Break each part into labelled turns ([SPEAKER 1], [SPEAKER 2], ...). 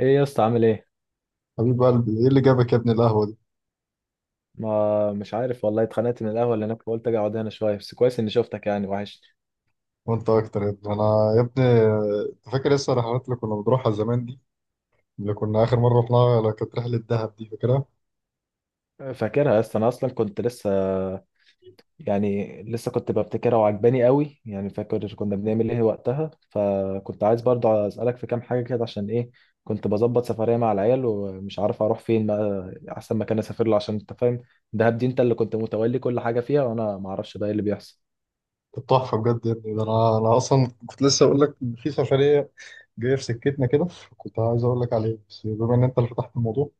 [SPEAKER 1] ايه يا اسطى، عامل ايه؟
[SPEAKER 2] حبيب قلبي، ايه اللي جابك يا ابني؟ القهوه دي.
[SPEAKER 1] ما مش عارف والله، اتخنقت من القهوه اللي هناك فقلت اجي اقعد هنا شويه. بس كويس اني شفتك، يعني وحشني.
[SPEAKER 2] وانت اكتر يا ابني. انا يا ابني، انت فاكر لسه الرحلات اللي كنا بنروحها زمان دي؟ اللي كنا اخر مره رحناها، اللي كانت رحله دهب دي، فاكرها؟
[SPEAKER 1] فاكرها يا اسطى، انا اصلا كنت لسه يعني لسه كنت ببتكرها وعجباني قوي. يعني فاكر كنا بنعمل ايه وقتها، فكنت عايز برضه اسالك في كام حاجه كده. عشان ايه؟ كنت بظبط سفريه مع العيال ومش عارف اروح فين بقى، احسن مكان اسافر له. عشان انت فاهم دهب دي انت اللي كنت متولي كل حاجه فيها، وانا ما اعرفش بقى ايه اللي بيحصل.
[SPEAKER 2] كانت تحفه بجد يا ابني. ده انا اصلا كنت لسه اقول لك ان في سفريه جايه في سكتنا كده. كنت عايز اقول لك عليها، بس بما ان انت اللي فتحت الموضوع.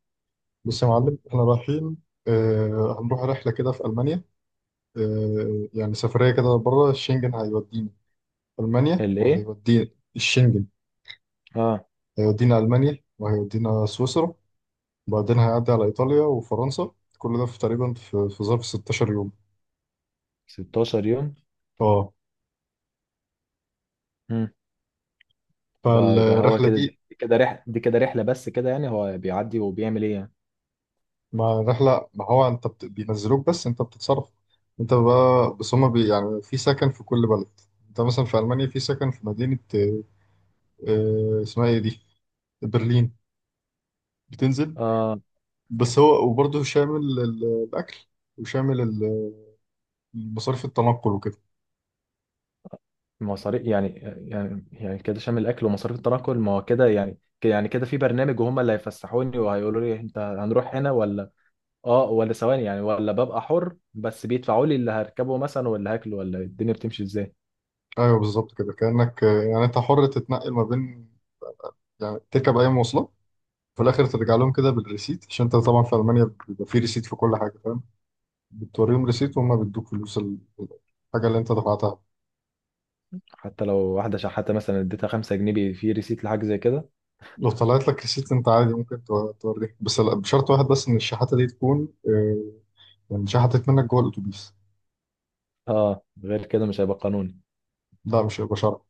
[SPEAKER 2] بص يا معلم، احنا رايحين. هنروح رحله كده في المانيا. يعني سفريه كده بره الشنجن، هيودينا المانيا
[SPEAKER 1] اللي ايه؟
[SPEAKER 2] وهيودينا. الشنجن.
[SPEAKER 1] اه.
[SPEAKER 2] هيودينا المانيا وهيودينا سويسرا، وبعدين هيعدي على إيطاليا وفرنسا. كل ده في تقريبا في ظرف 16 يوم.
[SPEAKER 1] 16 يوم؟
[SPEAKER 2] اه.
[SPEAKER 1] ده هو
[SPEAKER 2] فالرحلة
[SPEAKER 1] كده،
[SPEAKER 2] دي
[SPEAKER 1] دي كده رحلة، دي كده رحلة بس كده، يعني هو بيعدي وبيعمل ايه يعني؟
[SPEAKER 2] مع الرحلة، ما هو انت بينزلوك بس انت بتتصرف. انت بقى بس هما يعني في سكن في كل بلد. انت مثلا في ألمانيا في سكن في مدينة، اسمها ايه دي؟ برلين. بتنزل
[SPEAKER 1] اه.
[SPEAKER 2] بس هو، وبرضه شامل الأكل، وشامل مصاريف التنقل وكده.
[SPEAKER 1] مصاريف يعني كده شامل الاكل ومصاريف التنقل، ما هو كده يعني كده يعني كده في برنامج، وهم اللي هيفسحوني وهيقولوا لي انت هنروح هنا ولا. اه، ولا ثواني يعني، ولا ببقى حر بس بيدفعوا لي اللي هركبه مثلا ولا هاكله، ولا الدنيا بتمشي ازاي؟
[SPEAKER 2] ايوه بالظبط كده، كأنك يعني انت حر تتنقل ما بين، يعني تركب اي مواصلات. في الاخر ترجع لهم كده بالريسيت، عشان انت طبعا في المانيا بيبقى في ريسيت في كل حاجه، فاهم؟ بتوريهم ريسيت وهم بيدوك فلوس الحاجه اللي انت دفعتها.
[SPEAKER 1] حتى لو واحدة شحاتة مثلا اديتها 5 جنيه، في ريسيت لحاجة زي كده؟
[SPEAKER 2] لو طلعت لك ريسيت انت عادي ممكن توريه، بس بشرط واحد بس ان الشحاته دي تكون يعني شحتت منك جوه الاتوبيس.
[SPEAKER 1] اه، غير كده مش هيبقى قانوني؟
[SPEAKER 2] لا، مش هيبقى شرط.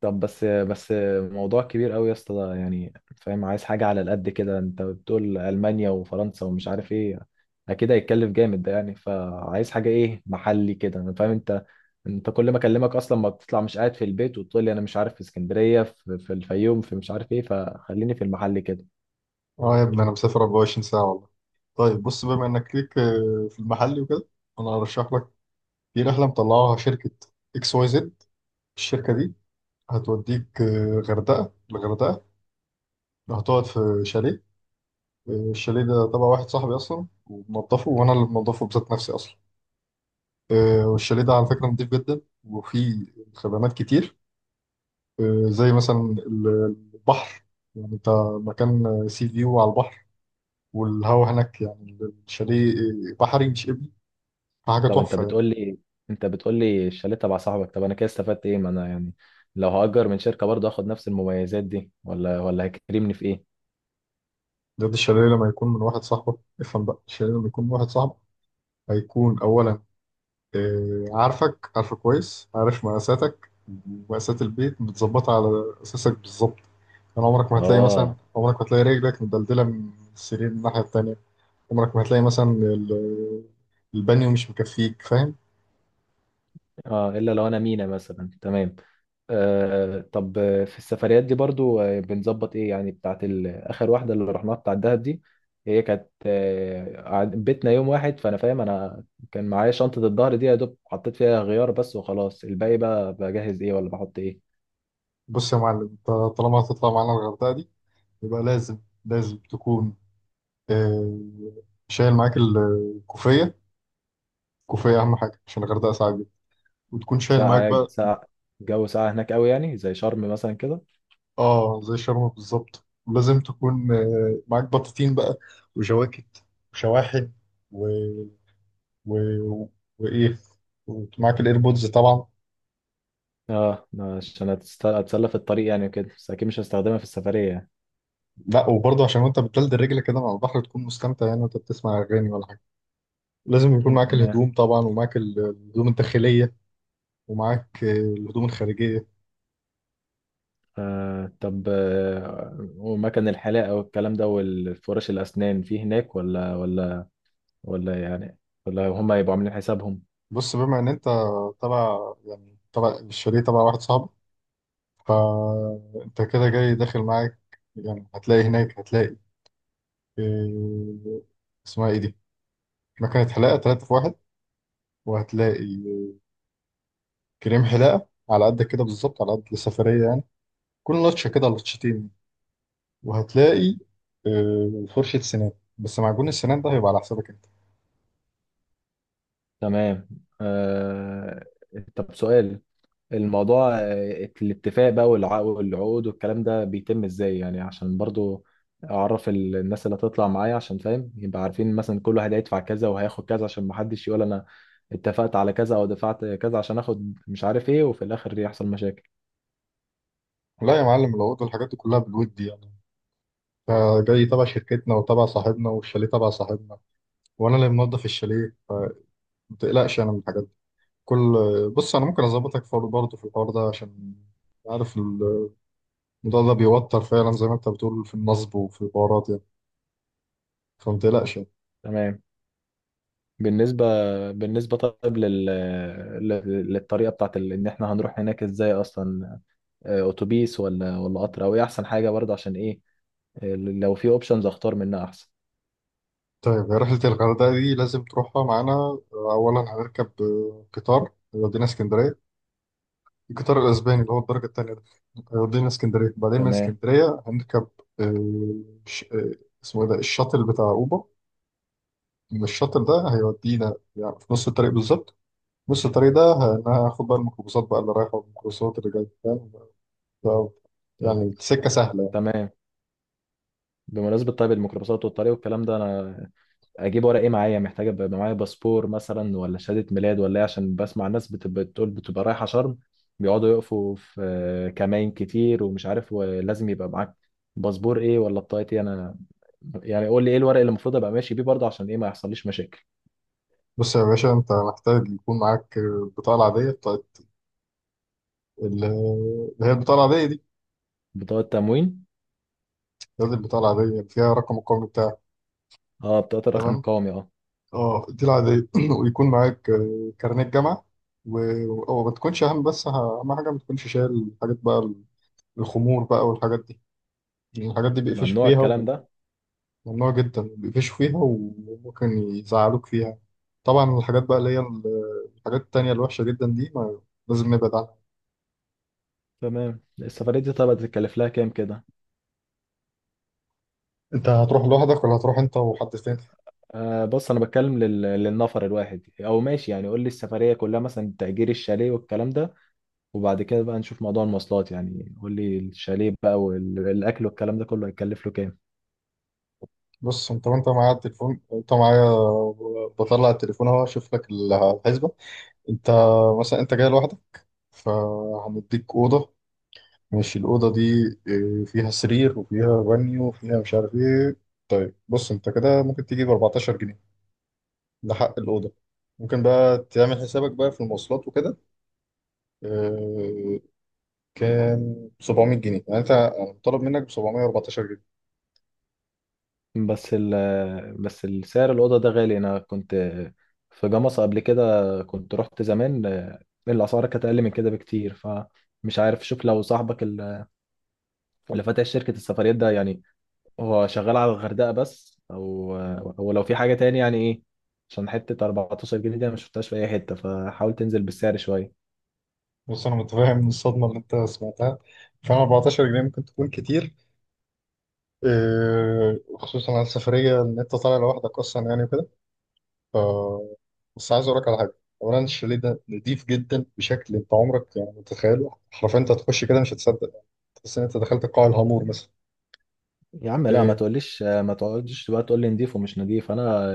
[SPEAKER 1] طب، بس موضوع كبير قوي يا اسطى ده يعني، فاهم؟ عايز حاجة على القد كده. انت بتقول ألمانيا وفرنسا ومش عارف ايه، اكيد هيتكلف جامد ده يعني، فعايز حاجة ايه، محلي كده. انا فاهم انت، انت كل ما اكلمك اصلا ما بتطلع، مش قاعد في البيت وتقول لي انا مش عارف في اسكندرية، في الفيوم، في مش عارف ايه، فخليني في المحل كده.
[SPEAKER 2] اه يا ابني، انا مسافر 24 ساعه والله. طيب بص، بما انك ليك في المحلي وكده، انا هرشح لك في رحله مطلعوها شركه اكس واي زد. الشركه دي هتوديك غردقه. الغردقه هتقعد في شاليه. الشاليه ده تبع واحد صاحبي اصلا، وبنضفه، وانا اللي بنضفه بذات نفسي اصلا. والشاليه ده على فكره نضيف جدا، وفيه خدمات كتير. زي مثلا ال- البحر. يعني انت مكان سي فيو على البحر، والهوا هناك يعني، الشاليه بحري مش ابني، حاجه
[SPEAKER 1] طب، انت
[SPEAKER 2] تحفه يعني.
[SPEAKER 1] بتقول لي انت بتقول لي الشاليه تبع صاحبك، طب انا كده استفدت ايه؟ ما انا يعني لو هأجر من شركة برضه هاخد نفس المميزات دي، ولا هيكرمني في ايه؟
[SPEAKER 2] ده الشاليه لما يكون من واحد صاحبك، افهم بقى، الشاليه لما يكون من واحد صاحبك هيكون اولا عارفك، عارفه كويس، عارف مقاساتك. مقاسات البيت متظبطه على اساسك بالظبط. يعني عمرك ما هتلاقي مثلا،
[SPEAKER 1] اه.
[SPEAKER 2] عمرك ما هتلاقي رجلك مدلدلة من السرير من الناحية التانية. عمرك ما هتلاقي مثلا البانيو مش مكفيك، فاهم؟
[SPEAKER 1] اه، الا لو انا مينا مثلا، تمام. طب، في السفريات دي برضو، بنظبط ايه يعني، بتاعت اخر واحده اللي رحناها بتاع الدهب دي؟ هي كانت بيتنا يوم واحد، فانا فاهم انا كان معايا شنطه الظهر دي، يا دوب حطيت فيها غيار بس وخلاص. الباقي بقى بجهز ايه ولا بحط ايه؟
[SPEAKER 2] بص يا معلم، انت طالما هتطلع معانا الغردقة دي، يبقى لازم. لازم تكون آه، شايل معاك الكوفية. الكوفية أهم حاجة، عشان الغردقة ساعة جدا. وتكون شايل معاك
[SPEAKER 1] ساعه؟
[SPEAKER 2] بقى.
[SPEAKER 1] ساعه؟ جو ساعه هناك قوي يعني، زي شرم مثلا كده؟
[SPEAKER 2] اه زي شرم بالظبط، ولازم تكون معاك بطاطين بقى، وجواكت، وشواحن، و... و... وإيه ومعاك الإيربودز طبعا.
[SPEAKER 1] اه، عشان اتسلى في الطريق يعني وكده، بس اكيد مش هستخدمها في السفريه يعني.
[SPEAKER 2] لا، وبرضه عشان وانت بتلد رجلك كده مع البحر تكون مستمتع، يعني وانت بتسمع اغاني ولا حاجه. لازم يكون معاك
[SPEAKER 1] تمام.
[SPEAKER 2] الهدوم طبعا، ومعاك الهدوم الداخليه، ومعاك الهدوم الخارجيه.
[SPEAKER 1] طب، ومكان الحلاقة والكلام ده، والفرش الأسنان في هناك ولا، ولا يعني، ولا هما يبقوا عاملين حسابهم؟
[SPEAKER 2] بص بما ان انت تبع يعني تبع الشاليه تبع واحد صاحبك، فانت كده جاي داخل معاك. يعني هتلاقي هناك، هتلاقي آه، اسمها ايه دي، مكنه حلاقه 3 في 1. وهتلاقي كريم حلاقه على قدك كده بالظبط، على قد السفريه يعني، كل لطشه كده لطشتين. وهتلاقي فرشة سنان، بس معجون السنان ده هيبقى على حسابك انت.
[SPEAKER 1] تمام. آه طب، سؤال. الموضوع الاتفاق بقى، والعقود والكلام ده بيتم ازاي يعني؟ عشان برضو أعرف الناس اللي هتطلع معايا، عشان فاهم، يبقى عارفين مثلا كل واحد هيدفع كذا وهياخد كذا، عشان محدش يقول أنا اتفقت على كذا أو دفعت كذا عشان آخد مش عارف إيه، وفي الآخر يحصل مشاكل.
[SPEAKER 2] لا يا معلم، لو قلت الحاجات دي كلها بالود يعني، انت جاي تبع شركتنا وتبع صاحبنا، والشاليه تبع صاحبنا، وانا اللي منظف الشاليه، فما تقلقش انا من الحاجات دي. كل بص انا ممكن اظبطك برضه في الحوار ده، عشان عارف الموضوع ده بيوتر فعلا، زي ما انت بتقول في النصب وفي الحوارات يعني. فما تقلقش يعني.
[SPEAKER 1] تمام. بالنسبة بالنسبة طيب للطريقة بتاعت إن إحنا هنروح هناك إزاي أصلا؟ أتوبيس ولا قطر أو إيه أحسن حاجة برضه؟ عشان إيه، لو في أوبشنز أختار منها أحسن.
[SPEAKER 2] طيب هي رحلة الغردقة دي لازم تروحها معانا. أولا هنركب قطار يودينا اسكندرية. الجيتار الاسباني اللي هو الدرجه الثانيه ده هيودينا اسكندريه، بعدين من
[SPEAKER 1] تمام.
[SPEAKER 2] اسكندريه هنركب آه، ش- آه، اسمه ايه ده الشاطئ بتاع اوبا. من الشاطئ ده هيودينا يعني في نص الطريق بالظبط. نص الطريق ده هناخد بقى الميكروباصات بقى اللي رايحه، والميكروباصات اللي جايه، فاهم؟ ف-
[SPEAKER 1] طب.
[SPEAKER 2] يعني سكه سهله يعني.
[SPEAKER 1] تمام. بمناسبة طيب الميكروباصات والطريق والكلام ده، أنا أجيب ورق إيه معايا؟ محتاج أبقى معايا باسبور مثلا، ولا شهادة ميلاد، ولا إيه؟ عشان بسمع الناس بتبقى بتقول بتبقى رايحة شرم، بيقعدوا يقفوا في كمائن كتير ومش عارف، ولازم يبقى معاك باسبور إيه ولا بطاقة إيه. أنا يعني قول لي ايه الورق اللي المفروض ابقى ماشي بيه برضه، عشان ايه ما يحصليش مشاكل.
[SPEAKER 2] بص يا باشا، انت محتاج يكون معاك البطاقه العاديه بتاعت اللي هي البطاقه العاديه دي.
[SPEAKER 1] بطاقة تموين؟
[SPEAKER 2] هذه البطاقه العاديه اللي فيها رقم القومي بتاعك.
[SPEAKER 1] اه، بطاقة الرقم
[SPEAKER 2] تمام.
[SPEAKER 1] القومي. اه.
[SPEAKER 2] اه دي العادية. ويكون معاك كارنيه جامعة، وما تكونش أهم، بس أهم حاجة ما تكونش شايل حاجات بقى. الخمور بقى والحاجات دي، يعني الحاجات دي بيقفشوا
[SPEAKER 1] ممنوع
[SPEAKER 2] فيها،
[SPEAKER 1] الكلام ده؟
[SPEAKER 2] وممنوع جدا بيقفشوا فيها، وممكن يزعلوك فيها. طبعا الحاجات بقى اللي هي الحاجات التانية الوحشة جدا دي ما، لازم نبعد عنها.
[SPEAKER 1] تمام. السفرية دي طب هتتكلف لها كام كده؟
[SPEAKER 2] أنت هتروح لوحدك ولا هتروح أنت وحد تاني؟
[SPEAKER 1] آه، بص انا بتكلم للنفر الواحد، او ماشي يعني قول لي السفرية كلها، مثلا تأجير الشاليه والكلام ده، وبعد كده بقى نشوف موضوع المواصلات. يعني قول لي الشاليه بقى والاكل والكلام ده كله هيكلف له كام؟
[SPEAKER 2] بص، أنت وأنت معايا التليفون، أنت معايا. بطلع التليفون أهو، أشوف لك الحسبة. أنت مثلا أنت جاي لوحدك، فهنديك أوضة. ماشي. الأوضة دي فيها سرير وفيها بانيو وفيها مش عارف إيه. طيب بص، أنت كده ممكن تجيب 14 جنيه، ده حق الأوضة. ممكن بقى تعمل حسابك بقى في المواصلات وكده، آه، كام 700 جنيه، يعني أنت أنا مطالب منك ب 714 جنيه.
[SPEAKER 1] بس ال بس السعر الأوضة ده غالي، أنا كنت في جمصة قبل كده، كنت رحت زمان، الأسعار كانت أقل من كده بكتير، فمش عارف. شوف لو صاحبك اللي فاتح شركة السفريات ده يعني، هو شغال على الغردقة بس، أو لو في حاجة تاني يعني إيه، عشان حتة 14 جنيه دي أنا مشفتهاش في أي حتة، فحاول تنزل بالسعر شوية.
[SPEAKER 2] بص، أنا متفاهم من الصدمة اللي أنت سمعتها. فعلا 14 جنيه ممكن تكون كتير، خصوصا على السفرية إن أنت طالع لوحدك أصلا يعني. ف بس عايز اقول لك على حاجه. اولا الشاليه ده نضيف جدا بشكل انت عمرك يعني متخيله، حرفيا انت هتخش كده مش هتصدق يعني، تحس ان انت دخلت قاع الهامور مثلا.
[SPEAKER 1] يا عم لا، ما
[SPEAKER 2] إيه،
[SPEAKER 1] تقوليش ما تقعدش بقى تقول لي نضيف ومش نضيف. أنا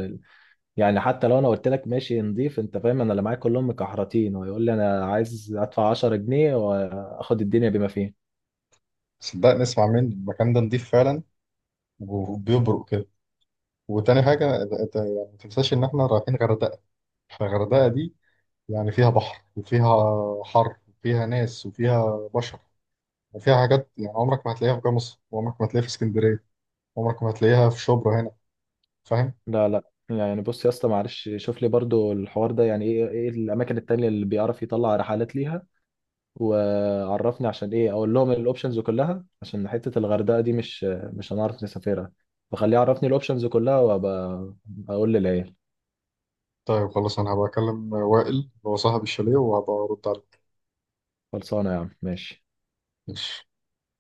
[SPEAKER 1] يعني حتى لو انا قلت لك ماشي نضيف، انت فاهم انا اللي معايا كلهم مكحرتين ويقول لي انا عايز ادفع 10 جنيه واخد الدنيا بما فيه.
[SPEAKER 2] صدقني اسمع مني، المكان ده نضيف فعلا، وبيبرق كده. وتاني حاجه أنت يعني ما تنساش ان احنا رايحين غردقه، فغردقه دي يعني فيها بحر، وفيها حر، وفيها ناس، وفيها بشر، وفيها حاجات. يعني عمرك ما هتلاقيها في جمصة، وعمرك ما هتلاقيها في اسكندريه، عمرك ما هتلاقيها في شبرا هنا، فاهم؟
[SPEAKER 1] لا، لا، يعني بص يا اسطى معلش، شوف لي برضو الحوار ده يعني، ايه الاماكن التانية اللي بيعرف يطلع رحلات ليها، وعرفني عشان ايه، اقول لهم الاوبشنز كلها، عشان حتة الغردقة دي مش هنعرف نسافرها، فخليه يعرفني الاوبشنز كلها، وابقى اقول للعيال.
[SPEAKER 2] طيب خلاص، انا هبقى اكلم وائل اللي هو صاحب الشاليه وهبقى ارد عليك.
[SPEAKER 1] خلصانة يا عم، ماشي.
[SPEAKER 2] ماشي.